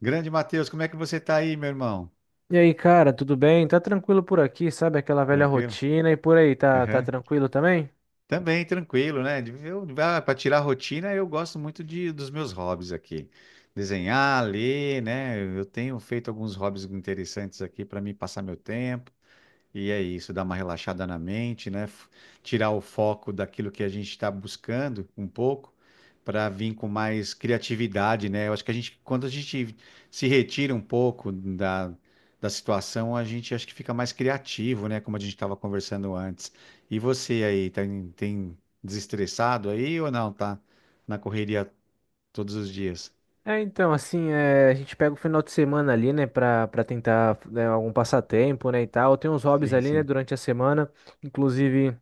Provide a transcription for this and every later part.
Grande Matheus, como é que você tá aí, meu irmão? E aí, cara, tudo bem? Tá tranquilo por aqui, sabe? Aquela velha Tranquilo? rotina e por aí, tá Aham. tranquilo também? Também tranquilo, né? Eu, para tirar a rotina, eu gosto muito dos meus hobbies aqui. Desenhar, ler, né? Eu tenho feito alguns hobbies interessantes aqui para mim passar meu tempo. E é isso, dar uma relaxada na mente, né? Tirar o foco daquilo que a gente está buscando um pouco, para vir com mais criatividade, né? Eu acho que a gente, quando a gente se retira um pouco da situação, a gente acho que fica mais criativo, né? Como a gente estava conversando antes. E você aí, tem desestressado aí ou não? Tá na correria todos os dias? É, então, assim, é, a gente pega o final de semana ali, né, pra tentar, né, algum passatempo, né, e tal. Tem uns hobbies Sim, ali, né, sim. durante a semana, inclusive.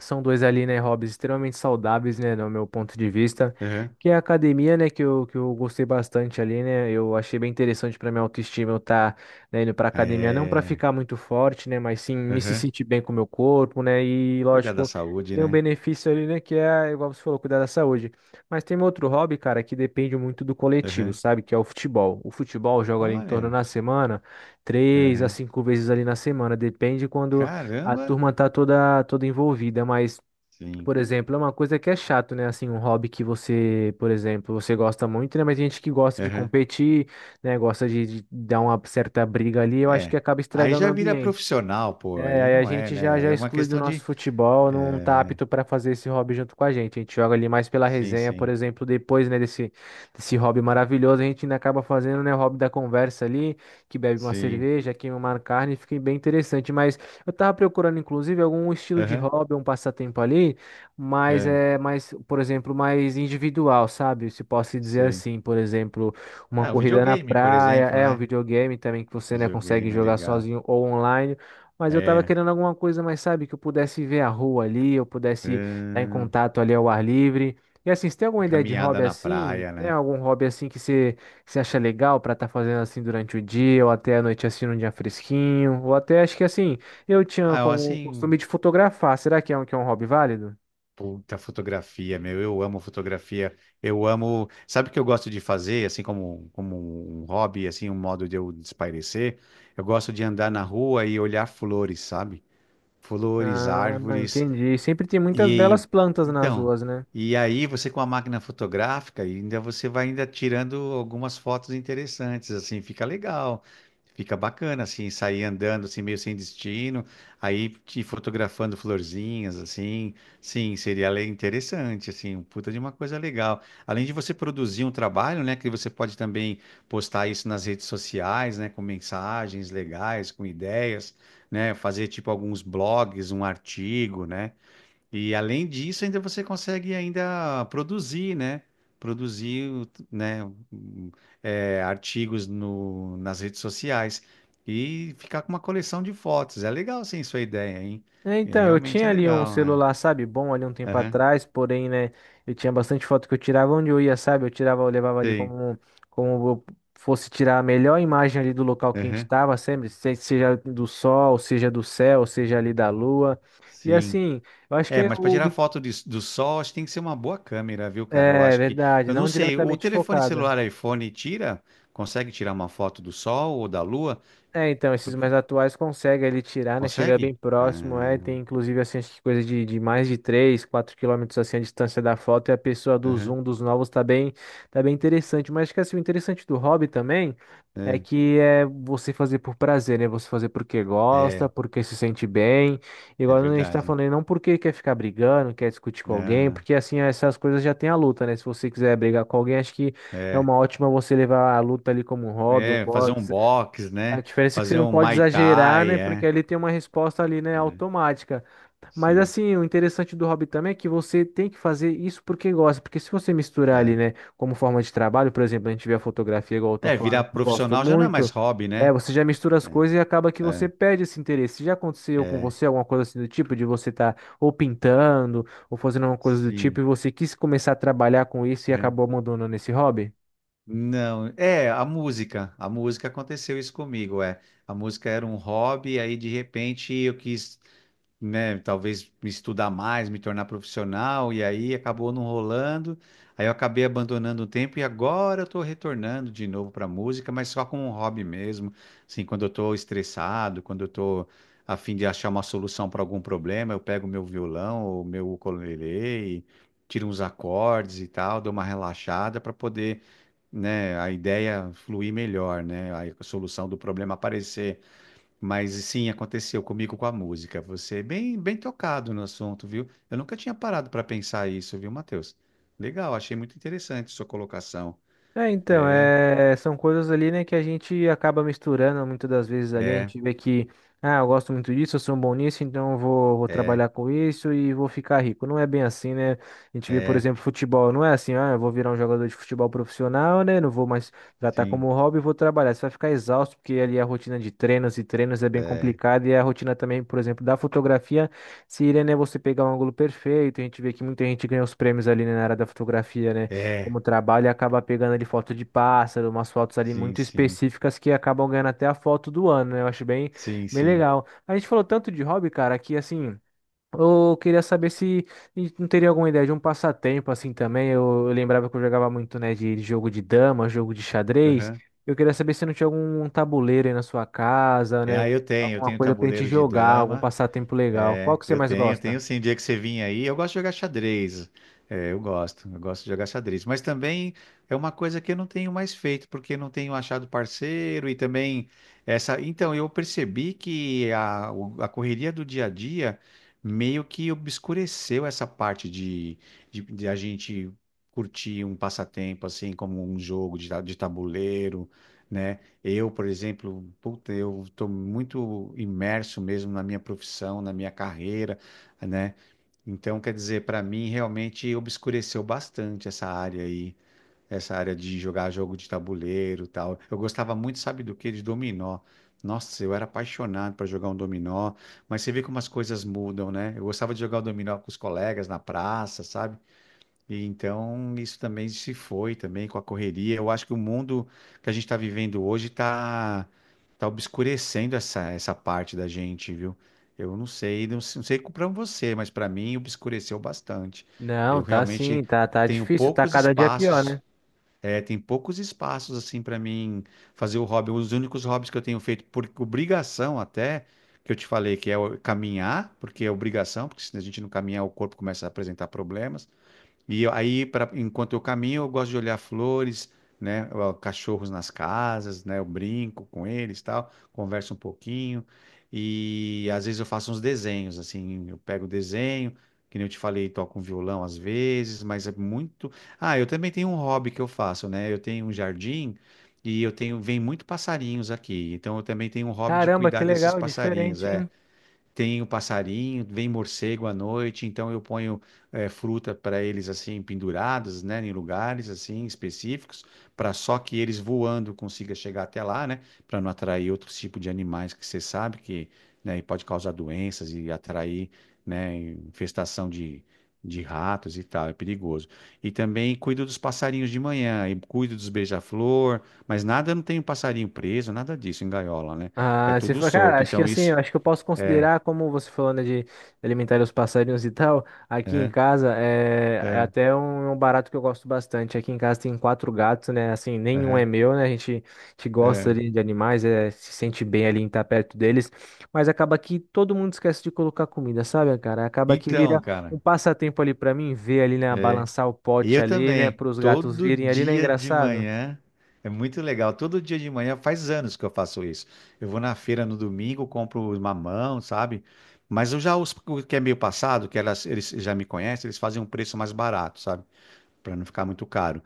São dois ali, né, hobbies extremamente saudáveis, né, no meu ponto de vista, Aham. que é a academia, né, que eu gostei bastante ali, né, eu achei bem interessante para minha autoestima eu estar, né, indo para academia, não para É. ficar muito forte, né, mas sim me se Aham. sentir bem com o meu corpo, né, e Cuidar da lógico, saúde, tem o né? benefício ali, né, que é, igual você falou, cuidar da saúde. Mas tem um outro hobby, cara, que depende muito do coletivo, Aham. sabe, que é o futebol. O futebol eu jogo ali em torno Olha. na semana, três a Aham. cinco vezes ali na semana, depende quando a Caramba, turma tá toda envolvida, mas, sim. por exemplo, é uma coisa que é chato, né? Assim, um hobby que você, por exemplo, você gosta muito, né? Mas tem gente que gosta de Aham. competir, né? Gosta de dar uma certa briga ali, eu acho que É. acaba Aí estragando o já vira ambiente. profissional, pô. É, Aí aí a não é, gente já né? já É uma exclui do questão nosso de. futebol, não tá É, apto para fazer esse hobby junto com a gente. A gente joga ali mais pela sim, resenha, por sim. exemplo, depois, né, desse hobby maravilhoso, a gente ainda acaba fazendo, né, o hobby da conversa ali, que bebe uma Sim. cerveja, queima uma carne, fica bem interessante. Mas eu tava procurando, inclusive, algum estilo de Aham. hobby, um passatempo ali, mas É, é mais, por exemplo, mais individual, sabe? Se posso dizer sim. assim, por exemplo, uma Ah, o corrida na videogame, por praia, exemplo, é um né? videogame também que você, né, consegue Videogame é jogar legal. sozinho ou online. Mas eu tava É, querendo alguma coisa mais, sabe, que eu pudesse ver a rua ali, eu pudesse estar em ahn, contato ali ao ar livre. E assim, você tem alguma ideia de caminhada hobby na assim, praia, né? né? Algum hobby assim que você acha legal pra estar fazendo assim durante o dia, ou até a noite assim num dia fresquinho, ou até acho que assim, eu tinha Ah, eu, como costume assim, de fotografar. Será que é um hobby válido? puta fotografia, meu, eu amo fotografia, eu amo, sabe o que eu gosto de fazer, assim como, como um hobby, assim, um modo de eu espairecer? Eu gosto de andar na rua e olhar flores, sabe? Flores, Ah, árvores, entendi. Sempre tem e muitas belas aí, plantas nas então, ruas, né? e aí você com a máquina fotográfica, ainda você vai ainda tirando algumas fotos interessantes, assim, fica legal, fica bacana, assim, sair andando assim meio sem destino, aí te fotografando florzinhas, assim, sim, seria interessante, assim, um puta de uma coisa legal. Além de você produzir um trabalho, né, que você pode também postar isso nas redes sociais, né, com mensagens legais, com ideias, né, fazer tipo alguns blogs, um artigo, né? E além disso, ainda você consegue ainda produzir, né? Produzir, o- né? um, é, artigos no, nas redes sociais e ficar com uma coleção de fotos. É legal, sim, sua ideia, hein? É, É, então, eu realmente é tinha ali um legal, né? celular, sabe, bom ali um tempo Aham, atrás, porém, né, eu tinha bastante foto que eu tirava onde eu ia, sabe, eu tirava, eu levava ali sim, como, como eu fosse tirar a melhor imagem ali do local que a gente aham, tava, sempre, seja do sol, seja do céu, seja ali da lua, e sim. assim, eu acho que É, é mas para o, tirar foto do sol, acho que tem que ser uma boa câmera, viu, cara? Eu é acho que, verdade, eu não não sei, o diretamente telefone focada. celular iPhone tira, consegue tirar uma foto do sol ou da lua? É, então, esses Porque, mais atuais consegue ele tirar, né? Chega bem consegue? próximo, é. Ah, Tem inclusive assim, acho que coisa de mais de 3 4 quilômetros assim a distância da foto e a pessoa do aham. zoom dos novos tá bem interessante. Mas acho que assim, o interessante do hobby também é É, que é você fazer por prazer, né? Você fazer porque gosta, é, porque se sente bem. é Igual a gente tá verdade. falando aí, não porque quer ficar brigando, quer discutir com alguém, Né? porque assim, essas coisas já tem a luta, né? Se você quiser brigar com alguém, acho que é É, uma ótima você levar a luta ali como um hobby, um fazer um box. box, A né? diferença é que você Fazer não um pode Muay exagerar, né? Thai, Porque é. ele tem uma resposta ali, né, É, automática. Mas sim. assim, o interessante do hobby também é que você tem que fazer isso porque gosta. Porque se você misturar ali, É. né, como forma de trabalho, por exemplo, a gente vê a fotografia, igual eu tô É, falando, virar que gosto profissional já não é mais muito, hobby, é, né? você já mistura as É, coisas e acaba que você é, perde esse interesse. Já aconteceu com é, você alguma coisa assim do tipo, de você estar ou pintando, ou fazendo alguma coisa do tipo, sim. e você quis começar a trabalhar com isso e É. acabou abandonando esse hobby? Não, a música. A música aconteceu isso comigo, é. A música era um hobby, aí de repente eu quis. Né, talvez me estudar mais, me tornar profissional, e aí acabou não rolando. Aí eu acabei abandonando o tempo e agora eu tô retornando de novo pra música, mas só como um hobby mesmo, assim, quando eu tô estressado, quando eu tô a fim de achar uma solução para algum problema, eu pego meu violão ou meu ukulele e tiro uns acordes e tal, dou uma relaxada para poder, né, a ideia fluir melhor, né, a solução do problema aparecer mas sim, aconteceu comigo com a música. Você é bem, bem tocado no assunto, viu? Eu nunca tinha parado para pensar isso, viu, Matheus? Legal, achei muito interessante sua colocação. É, então, É, é, são coisas ali, né, que a gente acaba misturando muitas das vezes ali. A é, gente vê que, ah, eu gosto muito disso, eu sou um bom nisso, então eu vou é, trabalhar com isso e vou ficar rico. Não é bem assim, né? A gente vê, por é, exemplo, futebol, não é assim, ah, eu vou virar um jogador de futebol profissional, né? Não vou mais tratar como sim, um hobby, vou trabalhar. Você vai ficar exausto, porque ali é a rotina de treinos e treinos é bem é, complicada e é a rotina também, por exemplo, da fotografia seria, né, você pegar um ângulo perfeito. A gente vê que muita gente ganha os prêmios ali, né, na área da fotografia, né? é, Como trabalho e acaba pegando ali foto de pássaro, umas fotos ali sim, muito sim, específicas que acabam ganhando até a foto do ano, né? Eu acho bem, sim, bem sim. legal. A gente falou tanto de hobby, cara, que assim. Eu queria saber se a gente não teria alguma ideia de um passatempo assim também. Eu lembrava que eu jogava muito, né, de jogo de dama, jogo de xadrez. Aham. Eu queria saber se não tinha algum um tabuleiro aí na sua casa, É, né? ah, eu tenho, eu Alguma tenho coisa pra gente tabuleiro de jogar, algum dama. passatempo legal. Qual É, que você eu mais tenho, eu tenho gosta? sim. Dia que você vinha aí, eu gosto de jogar xadrez. É, eu gosto de jogar xadrez. Mas também é uma coisa que eu não tenho mais feito, porque não tenho achado parceiro e também essa. Então, eu percebi que a correria do dia a dia meio que obscureceu essa parte de a gente curtir um passatempo, assim, como um jogo de tabuleiro. Né? Eu, por exemplo, puta, eu estou muito imerso mesmo na minha profissão, na minha carreira, né? Então, quer dizer, para mim realmente obscureceu bastante essa área aí, essa área de jogar jogo de tabuleiro, e tal. Eu gostava muito, sabe do quê? De dominó. Nossa, eu era apaixonado para jogar um dominó, mas você vê como as coisas mudam, né? Eu gostava de jogar o dominó com os colegas na praça, sabe? E então isso também se foi também com a correria. Eu acho que o mundo que a gente está vivendo hoje está tá obscurecendo essa parte da gente, viu? Eu não sei, não, não sei para você, mas para mim obscureceu bastante. Não, Eu tá sim, realmente tá tenho difícil, tá poucos cada dia pior, espaços, né? é, tem poucos espaços assim para mim fazer o hobby. Os únicos hobbies que eu tenho feito por obrigação até que eu te falei que é caminhar, porque é obrigação, porque se a gente não caminhar o corpo começa a apresentar problemas e aí, pra, enquanto eu caminho, eu gosto de olhar flores, né? Ó, cachorros nas casas, né? Eu brinco com eles, tal, converso um pouquinho. E às vezes eu faço uns desenhos, assim, eu pego o desenho, que nem eu te falei, toco um violão às vezes, mas é muito. Ah, eu também tenho um hobby que eu faço, né? Eu tenho um jardim e eu tenho, vem muito passarinhos aqui. Então eu também tenho um hobby de Caramba, cuidar que desses legal, passarinhos, diferente, hein? é. Tem o passarinho, vem morcego à noite, então eu ponho fruta para eles assim penduradas, né, em lugares assim específicos, para só que eles voando consiga chegar até lá, né, para não atrair outros tipos de animais que você sabe que, né, e pode causar doenças e atrair, né, infestação de ratos e tal, é perigoso. E também cuido dos passarinhos de manhã, e cuido dos beija-flor, mas nada, não tem um passarinho preso, nada disso em gaiola, né? É Ah, tudo cara, solto, acho que então assim, eu isso acho que eu posso é. considerar, como você falou, né, de alimentar os passarinhos e tal, aqui em Aham. casa é, é É, até um barato que eu gosto bastante. Aqui em casa tem quatro gatos, né, assim, nenhum é aham, meu, né, a gente gosta é. ali de animais, é, se sente bem ali em estar perto deles, mas acaba que todo mundo esquece de colocar comida, sabe, cara? Acaba que Então, vira cara, um passatempo ali pra mim, ver ali, né, é, balançar o e pote eu ali, né, também, para os gatos todo virem ali, né, dia de engraçado? manhã, é muito legal, todo dia de manhã, faz anos que eu faço isso. Eu vou na feira no domingo, compro os mamão, sabe? Mas eu já, os o que é meio passado, que elas, eles já me conhecem, eles fazem um preço mais barato, sabe? Para não ficar muito caro.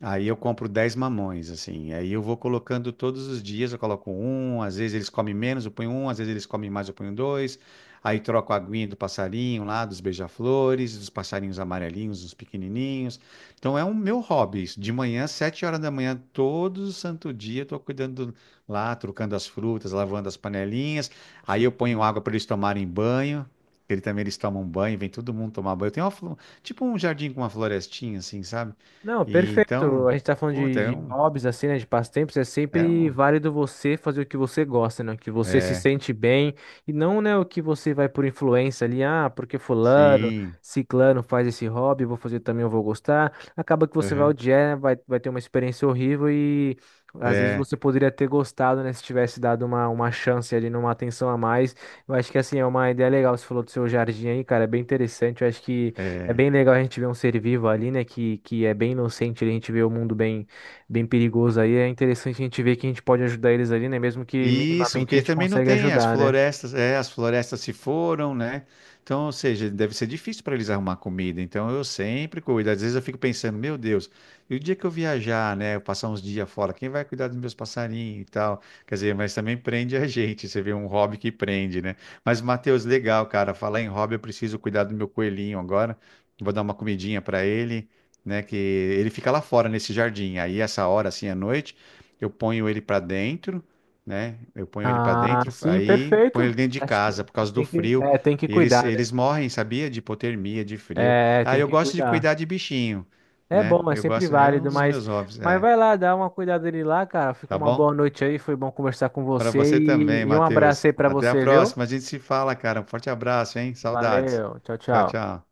Aí eu compro 10 mamões, assim. Aí eu vou colocando todos os dias, eu coloco um, às vezes eles comem menos, eu ponho um, às vezes eles comem mais, eu ponho dois. Aí troco a aguinha do passarinho lá, dos beija-flores, dos passarinhos amarelinhos, dos pequenininhos. Então é um meu hobby. Isso. De manhã, 7h da manhã, todo santo dia, eu tô cuidando lá, trocando as frutas, lavando as panelinhas. Aí eu Sim. ponho água para eles tomarem banho. Ele também eles tomam banho, vem todo mundo tomar banho. Eu tenho uma, tipo um jardim com uma florestinha, assim, sabe? Não, E perfeito. então, A gente tá falando puta, é de um, hobbies, assim, né? De passatempos. É é sempre um, válido você fazer o que você gosta, né? O que você se é, sente bem. E não, né, o que você vai por influência ali. Ah, porque fulano, sim, ciclano faz esse hobby, eu vou fazer também, eu vou gostar. Acaba que você vai aham, odiar, né, vai ter uma experiência horrível e às vezes é, você poderia ter gostado, né? Se tivesse dado uma chance ali, numa atenção a mais. Eu acho que, assim, é uma ideia legal. Você falou do seu jardim aí, cara. É bem interessante. Eu acho que. É é. bem legal a gente ver um ser vivo ali, né, que é bem inocente, a gente vê o mundo bem, bem perigoso aí. É interessante a gente ver que a gente pode ajudar eles ali, né, mesmo que Isso, minimamente a porque gente também não consegue tem as ajudar, né? florestas, é, as florestas se foram, né? Então, ou seja, deve ser difícil para eles arrumar comida. Então, eu sempre cuido. Às vezes eu fico pensando, meu Deus, e o dia que eu viajar, né, eu passar uns dias fora, quem vai cuidar dos meus passarinhos e tal? Quer dizer, mas também prende a gente. Você vê um hobby que prende, né? Mas, Matheus, legal, cara. Falar em hobby, eu preciso cuidar do meu coelhinho agora. Vou dar uma comidinha para ele, né? Que ele fica lá fora nesse jardim. Aí, essa hora, assim, à noite, eu ponho ele para dentro, né? Eu ponho ele para Ah, dentro, sim, aí ponho perfeito. ele dentro de Acho que casa por causa do tem que, frio. é, tem que E eles, cuidar, né? eles morrem, sabia? De hipotermia, de frio. É, Ah, tem eu que gosto de cuidar. cuidar de bichinho, É né? bom, é Eu sempre gosto, é um válido, dos meus hobbies, mas é. vai lá, dá uma cuidada dele lá, cara. Fica Tá uma boa bom? noite aí, foi bom conversar com Para você você e, também, e um abraço Matheus. aí pra Até a você, viu? próxima. A gente se fala, cara. Um forte abraço, hein? Saudades. Valeu, tchau, Tchau, tchau. tchau.